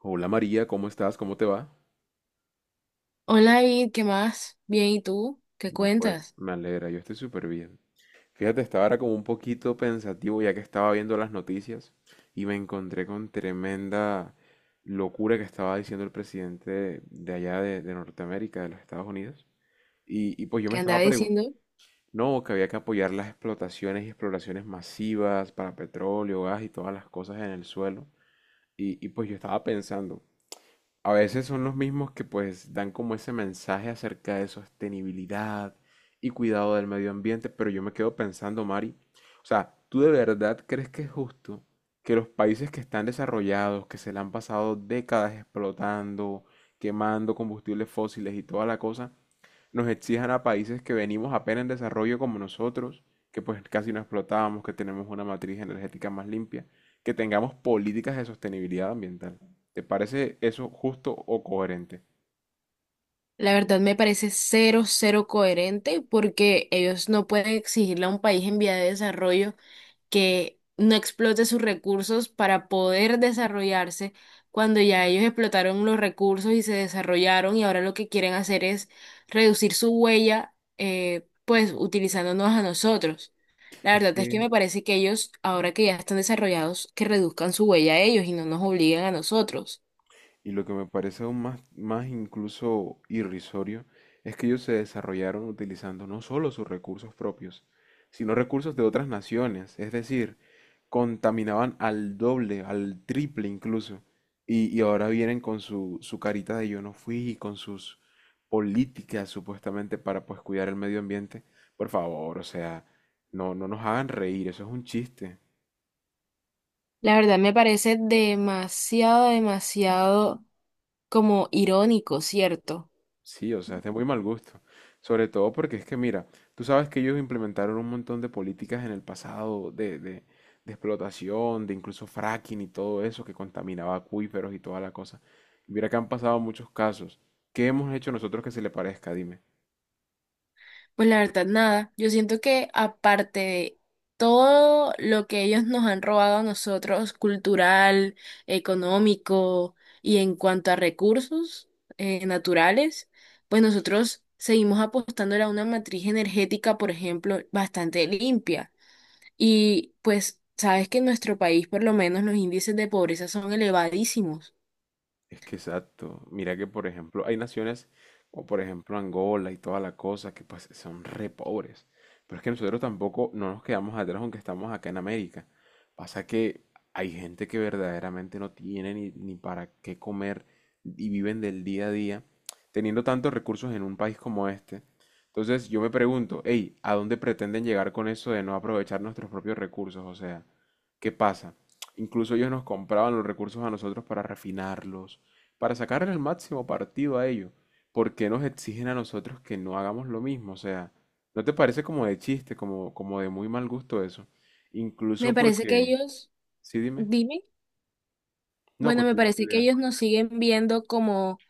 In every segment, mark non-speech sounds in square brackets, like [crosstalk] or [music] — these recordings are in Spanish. Hola María, ¿cómo estás? ¿Cómo te va? Hola, David, ¿qué más? Bien, ¿y tú? ¿Qué No, pues cuentas? me alegra, yo estoy súper bien. Fíjate, estaba ahora como un poquito pensativo ya que estaba viendo las noticias y me encontré con tremenda locura que estaba diciendo el presidente de allá de Norteamérica, de los Estados Unidos. Y pues yo me ¿Qué estaba andaba preguntando, diciendo? no, que había que apoyar las explotaciones y exploraciones masivas para petróleo, gas y todas las cosas en el suelo. Y pues yo estaba pensando, a veces son los mismos que pues dan como ese mensaje acerca de sostenibilidad y cuidado del medio ambiente, pero yo me quedo pensando, Mari, o sea, ¿tú de verdad crees que es justo que los países que están desarrollados, que se le han pasado décadas explotando, quemando combustibles fósiles y toda la cosa, nos exijan a países que venimos apenas en desarrollo como nosotros, que pues casi no explotábamos, que tenemos una matriz energética más limpia, que tengamos políticas de sostenibilidad ambiental? ¿Te parece eso justo o coherente? La verdad me parece cero, cero coherente porque ellos no pueden exigirle a un país en vía de desarrollo que no explote sus recursos para poder desarrollarse cuando ya ellos explotaron los recursos y se desarrollaron y ahora lo que quieren hacer es reducir su huella, pues utilizándonos a nosotros. La Es verdad es que que me parece que ellos, ahora que ya están desarrollados, que reduzcan su huella a ellos y no nos obliguen a nosotros. y lo que me parece aún más, más incluso irrisorio es que ellos se desarrollaron utilizando no solo sus recursos propios, sino recursos de otras naciones, es decir, contaminaban al doble, al triple incluso. Y ahora vienen con su carita de yo no fui y con sus políticas supuestamente para pues cuidar el medio ambiente. Por favor, o sea, no, no nos hagan reír, eso es un chiste. La verdad me parece demasiado, demasiado como irónico, ¿cierto? Sí, o sea, es de muy mal gusto. Sobre todo porque es que, mira, tú sabes que ellos implementaron un montón de políticas en el pasado de explotación, de incluso fracking y todo eso que contaminaba acuíferos y toda la cosa. Y mira que han pasado muchos casos. ¿Qué hemos hecho nosotros que se le parezca? Dime. Pues la verdad, nada. Yo siento que aparte de todo lo que ellos nos han robado a nosotros, cultural, económico y en cuanto a recursos naturales, pues nosotros seguimos apostando a una matriz energética, por ejemplo, bastante limpia. Y pues sabes que en nuestro país, por lo menos, los índices de pobreza son elevadísimos. Es que exacto. Mira que, por ejemplo, hay naciones como, por ejemplo, Angola y toda la cosa que pues son re pobres. Pero es que nosotros tampoco no nos quedamos atrás aunque estamos acá en América. Pasa que hay gente que verdaderamente no tiene ni para qué comer y viven del día a día teniendo tantos recursos en un país como este. Entonces yo me pregunto, hey, ¿a dónde pretenden llegar con eso de no aprovechar nuestros propios recursos? O sea, ¿qué pasa? Incluso ellos nos compraban los recursos a nosotros para refinarlos, para sacarle el máximo partido a ello, ¿por qué nos exigen a nosotros que no hagamos lo mismo? O sea, ¿no te parece como de chiste, como, como de muy mal gusto eso? Me Incluso parece que porque, ellos, sí, dime, dime, no, bueno, me continúa tu parece que idea. ellos nos siguen viendo como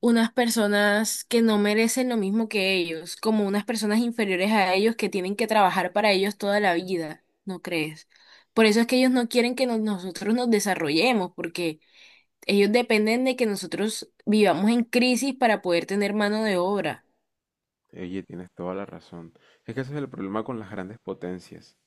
unas personas que no merecen lo mismo que ellos, como unas personas inferiores a ellos que tienen que trabajar para ellos toda la vida, ¿no crees? Por eso es que ellos no quieren que nosotros nos desarrollemos, porque ellos dependen de que nosotros vivamos en crisis para poder tener mano de obra. Oye, tienes toda la razón. Es que ese es el problema con las grandes potencias,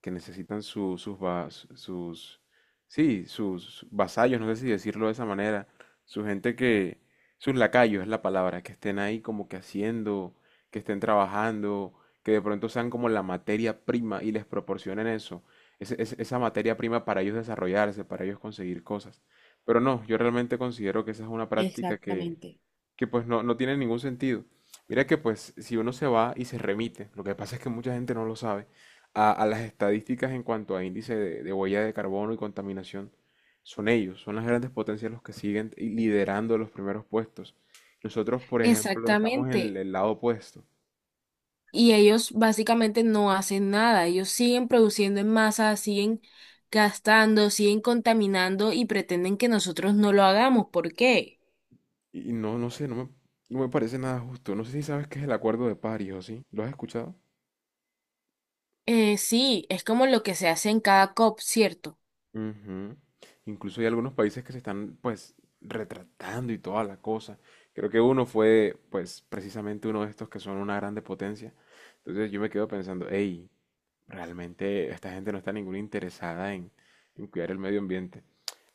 que necesitan sus, sí, sus vasallos, no sé si decirlo de esa manera, su gente que, sus lacayos es la palabra, que estén ahí como que haciendo, que estén trabajando, que de pronto sean como la materia prima y les proporcionen eso, esa materia prima para ellos desarrollarse, para ellos conseguir cosas. Pero no, yo realmente considero que esa es una práctica Exactamente. que pues no, no tiene ningún sentido. Mira que pues si uno se va y se remite, lo que pasa es que mucha gente no lo sabe, a las estadísticas en cuanto a índice de huella de carbono y contaminación, son ellos, son las grandes potencias los que siguen y liderando los primeros puestos. Nosotros, por ejemplo, estamos en el, Exactamente. el lado opuesto. Y ellos básicamente no hacen nada, ellos siguen produciendo en masa, siguen gastando, siguen contaminando y pretenden que nosotros no lo hagamos. ¿Por qué? Y no, no sé, no me parece nada justo. No sé si sabes qué es el Acuerdo de París o sí. ¿Lo has escuchado? Sí, es como lo que se hace en cada COP, ¿cierto? Ujú. Incluso hay algunos países que se están pues retratando y toda la cosa. Creo que uno fue pues precisamente uno de estos que son una grande potencia. Entonces yo me quedo pensando, hey, realmente esta gente no está ninguna interesada en cuidar el medio ambiente.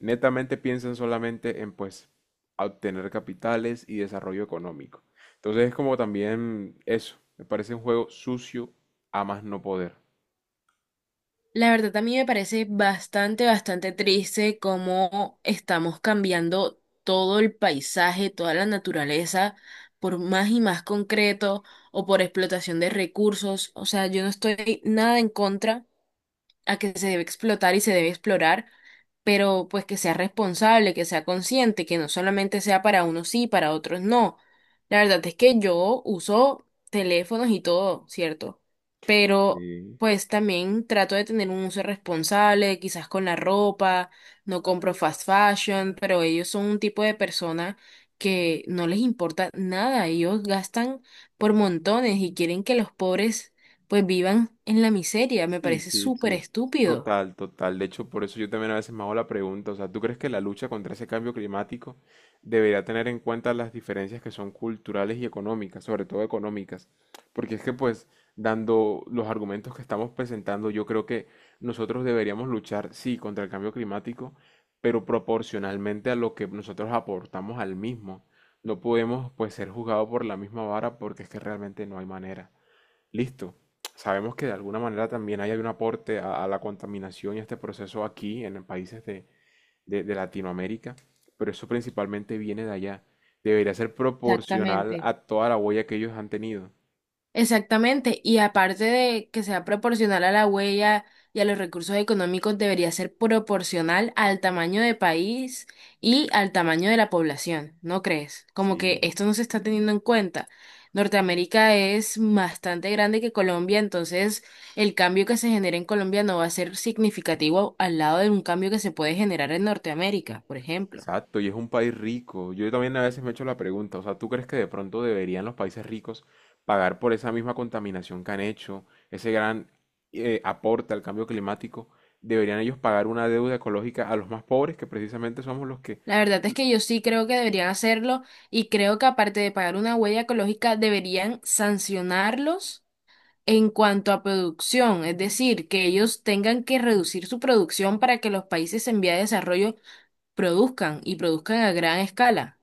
Netamente piensan solamente en pues obtener capitales y desarrollo económico. Entonces es como también eso, me parece un juego sucio a más no poder. La verdad a mí me parece bastante, bastante triste cómo estamos cambiando todo el paisaje, toda la naturaleza, por más y más concreto o por explotación de recursos. O sea, yo no estoy nada en contra a que se debe explotar y se debe explorar, pero pues que sea responsable, que sea consciente, que no solamente sea para unos sí, para otros no. La verdad es que yo uso teléfonos y todo, ¿cierto? Pero Sí. pues también trato de tener un uso responsable, quizás con la ropa, no compro fast fashion, pero ellos son un tipo de persona que no les importa nada, ellos gastan por montones y quieren que los pobres pues vivan en la miseria. Me Sí, parece sí, súper sí. estúpido. Total, total. De hecho, por eso yo también a veces me hago la pregunta, o sea, ¿tú crees que la lucha contra ese cambio climático debería tener en cuenta las diferencias que son culturales y económicas, sobre todo económicas? Porque es que pues, dando los argumentos que estamos presentando, yo creo que nosotros deberíamos luchar, sí, contra el cambio climático, pero proporcionalmente a lo que nosotros aportamos al mismo. No podemos pues ser juzgados por la misma vara porque es que realmente no hay manera. Listo. Sabemos que de alguna manera también hay un aporte a la contaminación y a este proceso aquí en países de Latinoamérica, pero eso principalmente viene de allá. Debería ser proporcional Exactamente. a toda la huella que ellos han tenido. Exactamente, y aparte de que sea proporcional a la huella y a los recursos económicos, debería ser proporcional al tamaño de país y al tamaño de la población, ¿no crees? Como que Sí, esto no se está teniendo en cuenta. Norteamérica es bastante grande que Colombia, entonces el cambio que se genera en Colombia no va a ser significativo al lado de un cambio que se puede generar en Norteamérica, por ejemplo. exacto. Y es un país rico. Yo también a veces me he hecho la pregunta, o sea, ¿tú crees que de pronto deberían los países ricos pagar por esa misma contaminación que han hecho, ese gran aporte al cambio climático? ¿Deberían ellos pagar una deuda ecológica a los más pobres, que precisamente somos los que La verdad es que yo sí creo que deberían hacerlo y creo que aparte de pagar una huella ecológica, deberían sancionarlos en cuanto a producción, es decir, que ellos tengan que reducir su producción para que los países en vía de desarrollo produzcan y produzcan a gran escala.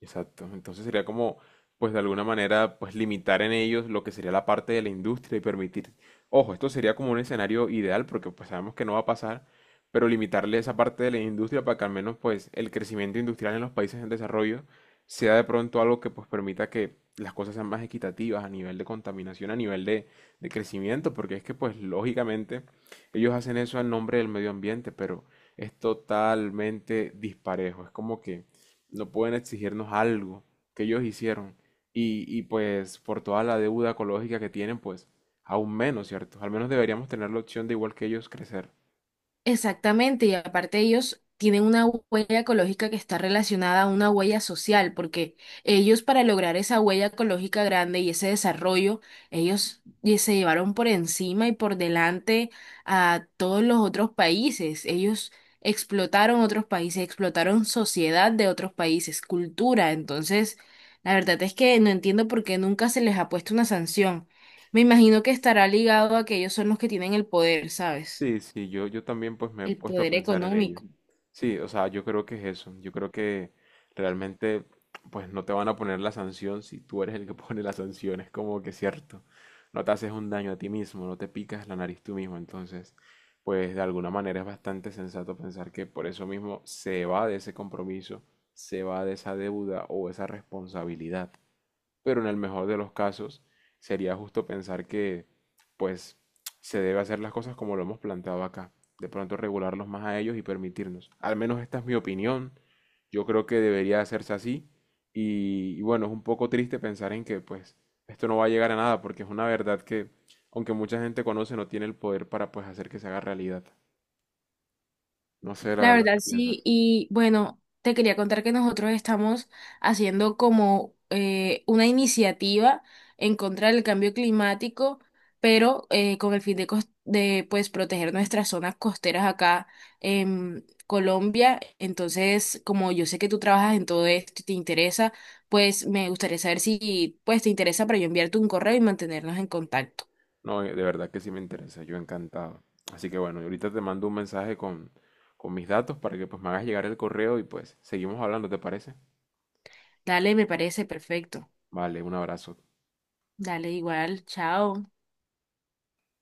exacto? Entonces sería como, pues de alguna manera, pues limitar en ellos lo que sería la parte de la industria y permitir, ojo, esto sería como un escenario ideal porque pues sabemos que no va a pasar, pero limitarle esa parte de la industria para que al menos pues el crecimiento industrial en los países en desarrollo sea de pronto algo que pues permita que las cosas sean más equitativas a nivel de contaminación, a nivel de crecimiento, porque es que pues lógicamente ellos hacen eso en nombre del medio ambiente, pero es totalmente disparejo. Es como que no pueden exigirnos algo que ellos hicieron. Y pues por toda la deuda ecológica que tienen, pues aún menos, ¿cierto? Al menos deberíamos tener la opción de igual que ellos crecer. Exactamente, y aparte ellos tienen una huella ecológica que está relacionada a una huella social, porque ellos para lograr esa huella ecológica grande y ese desarrollo, ellos y se llevaron por encima y por delante a todos los otros países. Ellos explotaron otros países, explotaron sociedad de otros países, cultura. Entonces, la verdad es que no entiendo por qué nunca se les ha puesto una sanción. Me imagino que estará ligado a que ellos son los que tienen el poder, ¿sabes? Sí, sí, yo también pues me he El puesto a poder pensar en ello. económico. Sí, o sea, yo creo que es eso. Yo creo que realmente pues no te van a poner la sanción si tú eres el que [laughs] pone la sanción. Es como que cierto. No te haces un daño a ti mismo, no te picas la nariz tú mismo. Entonces, pues de alguna manera es bastante sensato pensar que por eso mismo se va de ese compromiso, se va de esa deuda o esa responsabilidad, pero en el mejor de los casos sería justo pensar que pues se debe hacer las cosas como lo hemos planteado acá, de pronto regularlos más a ellos y permitirnos. Al menos esta es mi opinión, yo creo que debería hacerse así y bueno, es un poco triste pensar en que pues esto no va a llegar a nada porque es una verdad que aunque mucha gente conoce no tiene el poder para pues hacer que se haga realidad. No sé la La verdad verdad, qué sí. piensas. Y bueno, te quería contar que nosotros estamos haciendo como una iniciativa en contra del cambio climático, pero con el fin de, de pues proteger nuestras zonas costeras acá en Colombia. Entonces, como yo sé que tú trabajas en todo esto y te interesa, pues me gustaría saber si pues te interesa para yo enviarte un correo y mantenernos en contacto. No, de verdad que sí me interesa, yo encantado. Así que bueno, ahorita te mando un mensaje con mis datos para que pues me hagas llegar el correo y pues seguimos hablando, ¿te parece? Dale, me parece perfecto. Vale, un abrazo. Dale igual, chao.